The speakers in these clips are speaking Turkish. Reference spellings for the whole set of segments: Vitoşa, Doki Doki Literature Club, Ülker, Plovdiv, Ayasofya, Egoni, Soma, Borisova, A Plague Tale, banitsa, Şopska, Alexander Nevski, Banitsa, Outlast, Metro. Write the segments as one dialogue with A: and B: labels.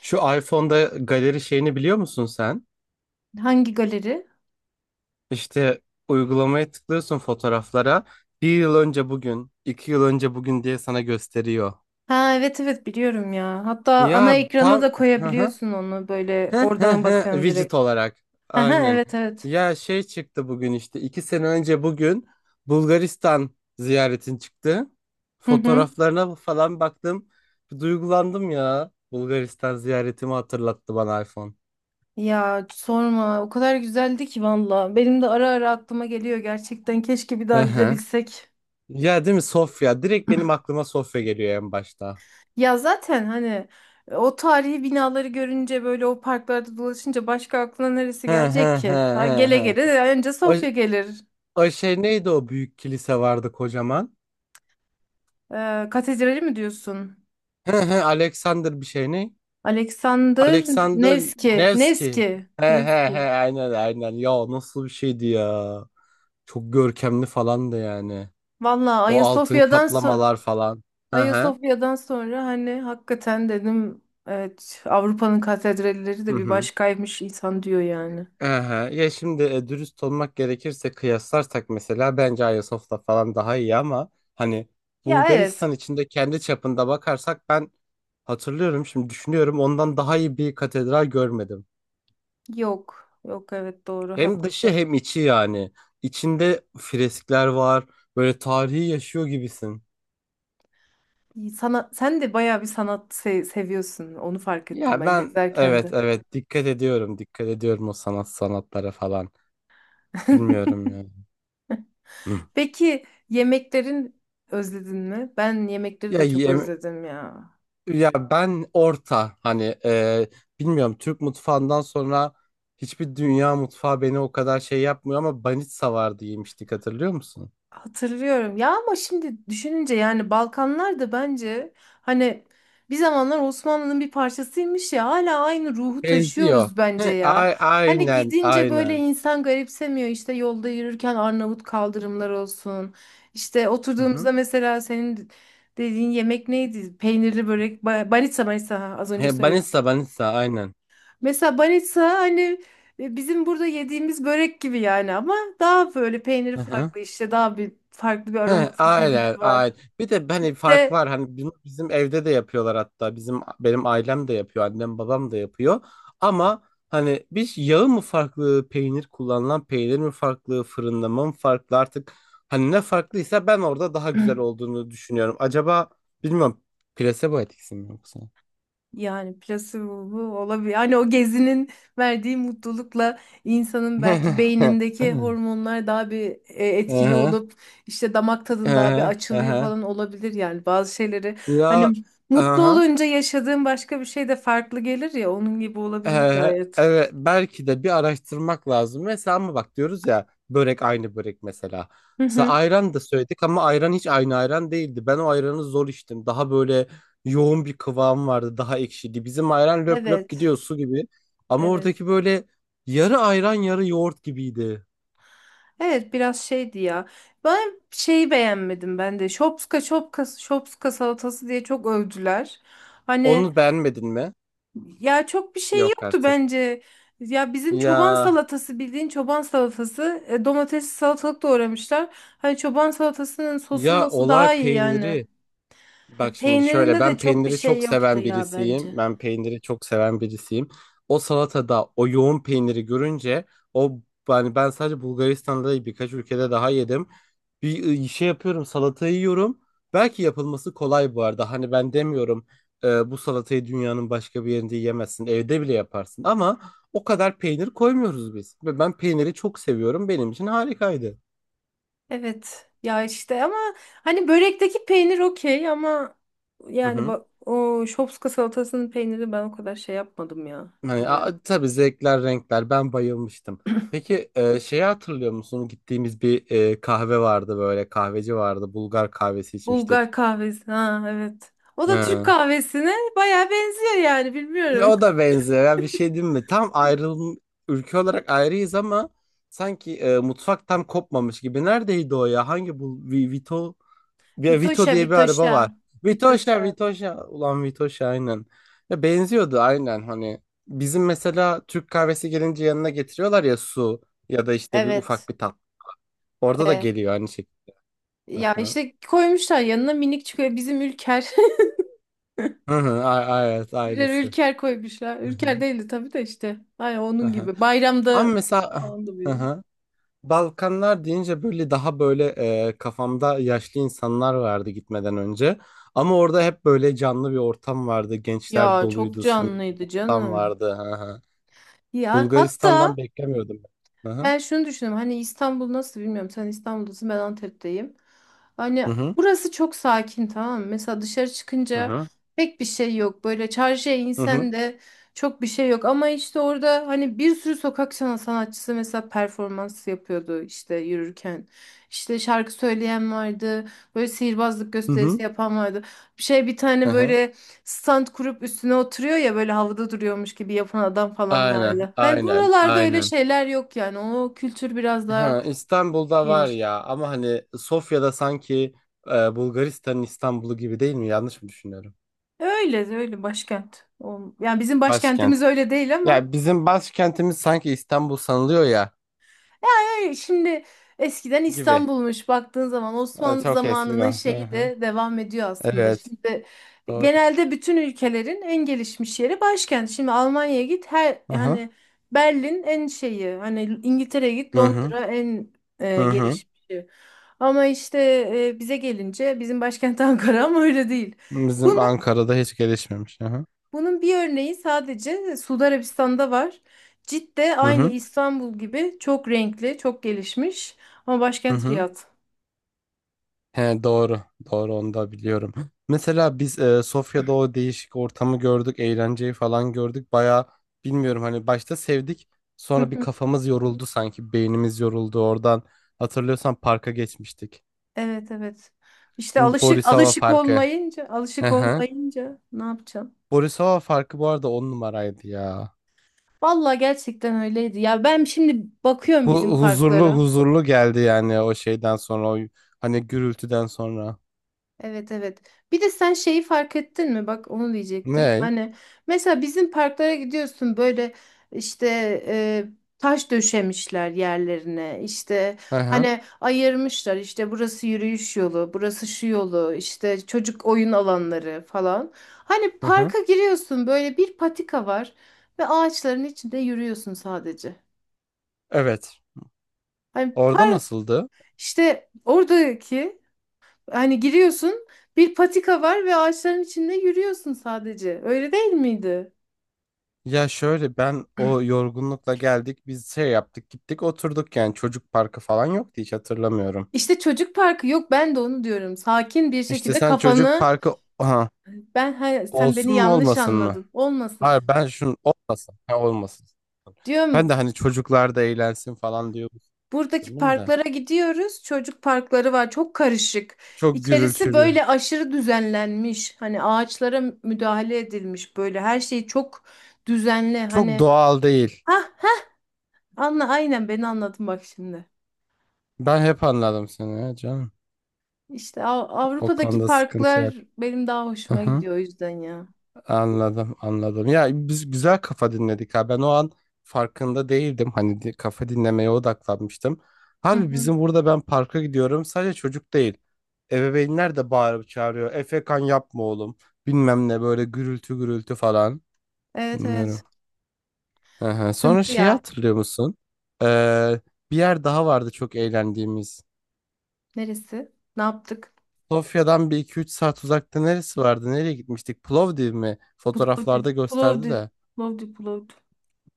A: Şu iPhone'da galeri şeyini biliyor musun sen?
B: Hangi galeri?
A: İşte uygulamaya tıklıyorsun fotoğraflara. Bir yıl önce bugün, 2 yıl önce bugün diye sana gösteriyor.
B: Ha, evet evet, biliyorum ya. Hatta ana
A: Ya
B: ekrana
A: tam
B: da
A: Hı hı.
B: koyabiliyorsun onu, böyle
A: Hı hı
B: oradan
A: hı.
B: bakıyorsun
A: Widget
B: direkt.
A: olarak.
B: Ha
A: Aynen.
B: evet evet.
A: Ya şey çıktı bugün işte 2 sene önce bugün Bulgaristan ziyaretin çıktı.
B: Hı hı.
A: Fotoğraflarına falan baktım. Bir duygulandım ya. Bulgaristan ziyaretimi hatırlattı bana iPhone.
B: Ya sorma, o kadar güzeldi ki valla. Benim de ara ara aklıma geliyor gerçekten. Keşke bir daha
A: Hı hı.
B: gidebilsek.
A: Ya değil mi Sofya? Direkt benim aklıma Sofya geliyor en başta.
B: Ya zaten hani o tarihi binaları görünce, böyle o parklarda dolaşınca başka aklına neresi
A: He he
B: gelecek
A: he
B: ki? Ha,
A: he
B: gele
A: he.
B: gele önce
A: O,
B: Sofya gelir.
A: o şey neydi o büyük kilise vardı kocaman?
B: Katedrali mi diyorsun?
A: He he Alexander bir şey ne?
B: Alexander
A: Alexander
B: Nevski.
A: Nevski.
B: Nevski.
A: He he he
B: Nevski.
A: aynen aynen. Ya nasıl bir şeydi ya? Çok görkemli falan da yani.
B: Valla
A: O altın
B: Ayasofya'dan
A: kaplamalar falan. He he.
B: Ayasofya'dan sonra hani hakikaten dedim evet, Avrupa'nın katedralleri
A: Hı
B: de bir
A: hı.
B: başkaymış insan diyor yani.
A: Aha, ya şimdi dürüst olmak gerekirse kıyaslarsak mesela bence Ayasofya falan daha iyi ama hani
B: Ya evet.
A: Bulgaristan içinde kendi çapında bakarsak ben hatırlıyorum şimdi düşünüyorum ondan daha iyi bir katedral görmedim.
B: Yok. Yok, evet, doğru,
A: Hem dışı
B: haklısın.
A: hem içi yani. İçinde freskler var. Böyle tarihi yaşıyor gibisin.
B: Sana sen de bayağı bir sanat seviyorsun. Onu fark ettim
A: Ya
B: ben
A: ben
B: gezerken
A: evet
B: de.
A: evet dikkat ediyorum. Dikkat ediyorum o sanat sanatlara falan. Bilmiyorum ya. Hı.
B: Peki, yemeklerin özledin mi? Ben yemekleri
A: Ya
B: de çok
A: yem-
B: özledim ya.
A: Ya ben orta hani bilmiyorum Türk mutfağından sonra hiçbir dünya mutfağı beni o kadar şey yapmıyor ama banitsa vardı yemiştik hatırlıyor musun?
B: Hatırlıyorum ya, ama şimdi düşününce yani Balkanlar da bence hani bir zamanlar Osmanlı'nın bir parçasıymış ya, hala aynı ruhu
A: Benziyor.
B: taşıyoruz bence
A: He,
B: ya. Hani
A: aynen
B: gidince böyle
A: aynen.
B: insan garipsemiyor, işte yolda yürürken Arnavut kaldırımlar olsun. İşte
A: Hı hı.
B: oturduğumuzda mesela senin dediğin yemek neydi? Peynirli börek, banitsa banitsa, ha, az önce
A: He,
B: söyledim.
A: banitsa banitsa aynen.
B: Mesela banitsa hani bizim burada yediğimiz börek gibi yani, ama daha böyle peyniri
A: Hı hı.
B: farklı, işte daha bir farklı bir
A: He,
B: aroması tabii
A: aynen,
B: ki
A: aynen.
B: var.
A: Bir de hani fark
B: İşte
A: var hani bunu bizim evde de yapıyorlar hatta benim ailem de yapıyor annem babam da yapıyor ama hani biz yağı mı farklı peynir kullanılan peynir mi farklı fırınlama mı farklı artık hani ne farklıysa ben orada daha güzel olduğunu düşünüyorum. Acaba bilmiyorum plasebo etkisi mi yoksa?
B: yani plasebo olabilir. Hani o gezinin verdiği mutlulukla insanın belki beynindeki hormonlar daha bir etkili
A: Aha,
B: olup işte damak tadın daha bir
A: aha,
B: açılıyor
A: aha.
B: falan, olabilir yani bazı şeyleri.
A: Ya
B: Hani mutlu
A: aha.
B: olunca yaşadığın başka bir şey de farklı gelir ya, onun gibi olabilir gayet.
A: Evet belki de bir araştırmak lazım. Mesela ama bak diyoruz ya börek aynı börek mesela.
B: Hı
A: Mesela
B: hı.
A: ayran da söyledik ama ayran hiç aynı ayran değildi. Ben o ayranı zor içtim. Daha böyle yoğun bir kıvam vardı. Daha ekşiydi. Bizim ayran löp löp
B: Evet.
A: gidiyor su gibi. Ama
B: Evet.
A: oradaki böyle yarı ayran yarı yoğurt gibiydi.
B: Evet, biraz şeydi ya. Ben şeyi beğenmedim ben de. Şopska şopka şopska salatası diye çok övdüler. Hani
A: Onu beğenmedin mi?
B: ya çok bir şey
A: Yok
B: yoktu
A: artık.
B: bence. Ya bizim çoban
A: Ya
B: salatası, bildiğin çoban salatası. E, domatesli salatalık doğramışlar. Hani çoban salatasının sosu
A: ya
B: mosu
A: olay
B: daha iyi yani.
A: peyniri.
B: E,
A: Bak şimdi şöyle
B: peynirinde de
A: ben
B: çok bir
A: peyniri
B: şey
A: çok
B: yoktu
A: seven
B: ya bence.
A: birisiyim. Ben peyniri çok seven birisiyim. O salatada o yoğun peyniri görünce o yani ben sadece Bulgaristan'da değil, birkaç ülkede daha yedim. Bir şey yapıyorum salatayı yiyorum. Belki yapılması kolay bu arada. Hani ben demiyorum bu salatayı dünyanın başka bir yerinde yiyemezsin. Evde bile yaparsın ama o kadar peynir koymuyoruz biz. Ve ben peyniri çok seviyorum. Benim için harikaydı.
B: Evet ya işte, ama hani börekteki peynir okey, ama
A: Hı
B: yani
A: hı.
B: bak o şopska salatasının peyniri ben o kadar şey yapmadım ya,
A: Hani,
B: bilmiyorum.
A: tabii zevkler, renkler. Ben bayılmıştım. Peki şeyi hatırlıyor musun? Gittiğimiz bir kahve vardı böyle. Kahveci vardı. Bulgar kahvesi
B: Bulgar
A: içmiştik.
B: kahvesi, ha evet. O da Türk
A: Hı.
B: kahvesine baya benziyor yani,
A: Ve
B: bilmiyorum.
A: O da benziyor. Ya bir şey diyeyim mi? Tam ayrılım ülke olarak ayrıyız ama sanki mutfak tam kopmamış gibi. Neredeydi o ya? Vito? Ya Vito
B: Vitoşa,
A: diye bir araba
B: Vitoşa,
A: var. Vitoşa,
B: Vitoşa.
A: Vitoşa. Ulan Vitoşa aynen. Ya benziyordu aynen hani. Bizim mesela Türk kahvesi gelince yanına getiriyorlar ya su ya da işte bir ufak
B: Evet.
A: bir tat. Orada da
B: E,
A: geliyor aynı şekilde.
B: ya
A: Aha.
B: işte koymuşlar yanına, minik çıkıyor bizim Ülker.
A: Hı hı, evet
B: Birer
A: ailesi.
B: Ülker koymuşlar.
A: Hı hı,
B: Ülker değildi tabii de işte. Ay,
A: hı
B: onun
A: hı.
B: gibi.
A: Ama
B: Bayramda
A: mesela
B: falan da.
A: hı hı. Balkanlar deyince böyle daha böyle kafamda yaşlı insanlar vardı gitmeden önce. Ama orada hep böyle canlı bir ortam vardı. Gençler
B: Ya çok
A: doluydu, samimi
B: canlıydı
A: ortam
B: canım.
A: vardı.
B: Ya hatta
A: Bulgaristan'dan beklemiyordum ben. Hı hı.
B: ben şunu düşünüyorum. Hani İstanbul nasıl bilmiyorum. Sen İstanbul'dasın, ben Antep'teyim.
A: Hı
B: Hani
A: hı.
B: burası çok sakin, tamam mı? Mesela dışarı
A: Hı
B: çıkınca
A: hı.
B: pek bir şey yok. Böyle çarşıya
A: Hı hı.
B: insen de çok bir şey yok. Ama işte orada hani bir sürü sokak sanatçısı mesela performans yapıyordu işte yürürken. İşte şarkı söyleyen vardı. Böyle sihirbazlık
A: Hı
B: gösterisi
A: hı.
B: yapan vardı. Bir şey, bir
A: Hı
B: tane
A: hı.
B: böyle stand kurup üstüne oturuyor ya, böyle havada duruyormuş gibi yapan adam falan
A: Aynen,
B: vardı. Hani
A: aynen,
B: buralarda öyle
A: aynen.
B: şeyler yok yani. O kültür biraz daha
A: Ha, İstanbul'da var
B: geniş.
A: ya ama hani Sofya'da sanki Bulgaristan'ın İstanbul'u gibi değil mi? Yanlış mı düşünüyorum?
B: Öyle öyle, başkent. Yani bizim başkentimiz
A: Başkent.
B: öyle değil, ama
A: Ya bizim başkentimiz sanki İstanbul sanılıyor ya
B: hayır, şimdi eskiden
A: gibi.
B: İstanbul'muş, baktığın zaman Osmanlı
A: Çok
B: zamanının
A: eskiden. Hı
B: şeyi
A: hı.
B: de devam ediyor aslında.
A: Evet,
B: Şimdi
A: doğru.
B: genelde bütün ülkelerin en gelişmiş yeri başkent. Şimdi Almanya'ya git, her
A: Hı hı.
B: yani Berlin en şeyi, hani İngiltere'ye git
A: Hı hı.
B: Londra en
A: Hı hı.
B: gelişmişi. Ama işte bize gelince bizim başkent Ankara, ama öyle değil.
A: Bizim
B: Bunu
A: Ankara'da hiç gelişmemiş. Hı hı.
B: bunun bir örneği sadece Suudi Arabistan'da var. Cidde
A: Hı
B: aynı
A: hı.
B: İstanbul gibi çok renkli, çok gelişmiş, ama
A: Hı
B: başkent
A: hı.
B: Riyad.
A: He doğru. Doğru onu da biliyorum. Mesela biz Sofya'da o değişik ortamı gördük. Eğlenceyi falan gördük. Baya bilmiyorum hani başta sevdik.
B: Hı
A: Sonra bir
B: hı.
A: kafamız yoruldu sanki. Beynimiz yoruldu oradan. Hatırlıyorsan parka geçmiştik.
B: Evet evet. İşte alışık
A: Borisova
B: alışık
A: farkı.
B: olmayınca,
A: Hı
B: alışık
A: hı.
B: olmayınca ne yapacaksın?
A: Borisova farkı bu arada 10 numaraydı ya.
B: Vallahi gerçekten öyleydi. Ya ben şimdi bakıyorum
A: Bu
B: bizim
A: huzurlu
B: parklara.
A: huzurlu geldi yani o şeyden sonra. O, hani gürültüden sonra.
B: Evet evet. Bir de sen şeyi fark ettin mi? Bak onu diyecektim.
A: Ne?
B: Hani mesela bizim parklara gidiyorsun böyle işte e, taş döşemişler yerlerine. İşte
A: Hı hı.
B: hani ayırmışlar, işte burası yürüyüş yolu, burası şu yolu, işte çocuk oyun alanları falan. Hani
A: Hı hı.
B: parka giriyorsun, böyle bir patika var ve ağaçların içinde yürüyorsun sadece.
A: Evet.
B: Hani
A: Orada
B: park
A: nasıldı?
B: işte oradaki hani giriyorsun, bir patika var ve ağaçların içinde yürüyorsun sadece. Öyle değil miydi?
A: Ya şöyle ben o yorgunlukla geldik biz şey yaptık gittik oturduk yani çocuk parkı falan yoktu hiç hatırlamıyorum.
B: İşte çocuk parkı yok, ben de onu diyorum. Sakin bir
A: İşte
B: şekilde
A: sen çocuk
B: kafanı
A: parkı aha,
B: ben he, sen beni
A: olsun mu
B: yanlış
A: olmasın mı?
B: anladın olmasın.
A: Hayır ben şunu olmasın ha, olmasın. Ben de
B: Diyorum
A: hani çocuklar da eğlensin falan diyor
B: buradaki
A: düşündüm de.
B: parklara gidiyoruz. Çocuk parkları var, çok karışık.
A: Çok
B: İçerisi
A: gürültülü.
B: böyle aşırı düzenlenmiş. Hani ağaçlara müdahale edilmiş, böyle her şey çok düzenli.
A: Çok
B: Hani
A: doğal değil.
B: ha, anla, aynen beni anladın bak şimdi.
A: Ben hep anladım seni ya canım.
B: İşte
A: O
B: Avrupa'daki
A: konuda sıkıntı
B: parklar
A: yok.
B: benim daha hoşuma
A: Aha.
B: gidiyor o yüzden ya.
A: Anladım, anladım. Ya biz güzel kafa dinledik ha. Ben o an farkında değildim. Kafa dinlemeye odaklanmıştım.
B: Hı
A: Harbi
B: hı.
A: bizim burada ben parka gidiyorum. Sadece çocuk değil. Ebeveynler de bağırıp çağırıyor. Efekan yapma oğlum. Bilmem ne böyle gürültü gürültü falan.
B: Evet evet.
A: Bilmiyorum. Hı hı. Sonra
B: Sıkıntı
A: şeyi
B: ya.
A: hatırlıyor musun? Ee, bir yer daha vardı çok eğlendiğimiz.
B: Neresi? Ne yaptık?
A: Sofya'dan bir iki üç saat uzakta neresi vardı? Nereye gitmiştik? Plovdiv mi?
B: Plovdiv.
A: Fotoğraflarda gösterdi
B: Plovdiv.
A: de.
B: Plovdiv. Plovdiv.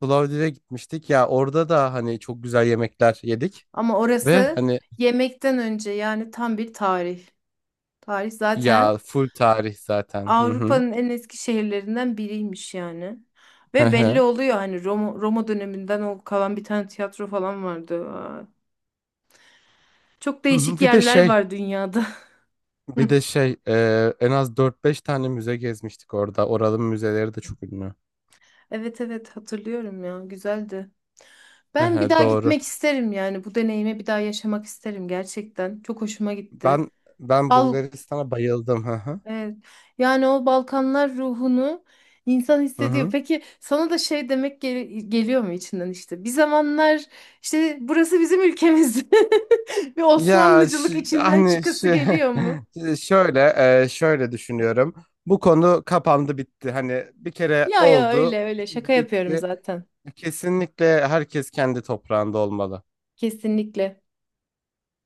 A: Plovdiv'e gitmiştik. Ya orada da hani çok güzel yemekler yedik.
B: Ama
A: Ve
B: orası
A: hani
B: yemekten önce yani tam bir tarih. Tarih zaten
A: ya full tarih zaten. Hı hı.
B: Avrupa'nın en eski şehirlerinden biriymiş yani.
A: Hı
B: Ve belli
A: hı.
B: oluyor hani Roma, Roma döneminden o kalan bir tane tiyatro falan vardı. Aa, çok
A: Hı hı.
B: değişik
A: Bir de
B: yerler
A: şey,
B: var dünyada.
A: bir de şey en az dört beş tane müze gezmiştik orada. Oraların müzeleri de çok ünlü.
B: Evet evet, hatırlıyorum ya, güzeldi.
A: Hı
B: Ben bir
A: hı,
B: daha
A: doğru.
B: gitmek isterim yani, bu deneyimi bir daha yaşamak isterim gerçekten. Çok hoşuma gitti.
A: Ben ben
B: Al,
A: Bulgaristan'a bayıldım. Hı hı.
B: evet. Yani o Balkanlar ruhunu insan
A: Hı
B: hissediyor.
A: hı.
B: Peki sana da şey demek geliyor mu içinden işte? Bir zamanlar işte burası bizim ülkemiz. Bir Osmanlıcılık içinden çıkası geliyor mu?
A: Şöyle şöyle düşünüyorum. Bu konu kapandı bitti. Hani bir kere
B: Ya ya öyle
A: oldu,
B: öyle, şaka
A: şimdi
B: yapıyorum
A: bitti.
B: zaten.
A: Kesinlikle herkes kendi toprağında olmalı.
B: Kesinlikle.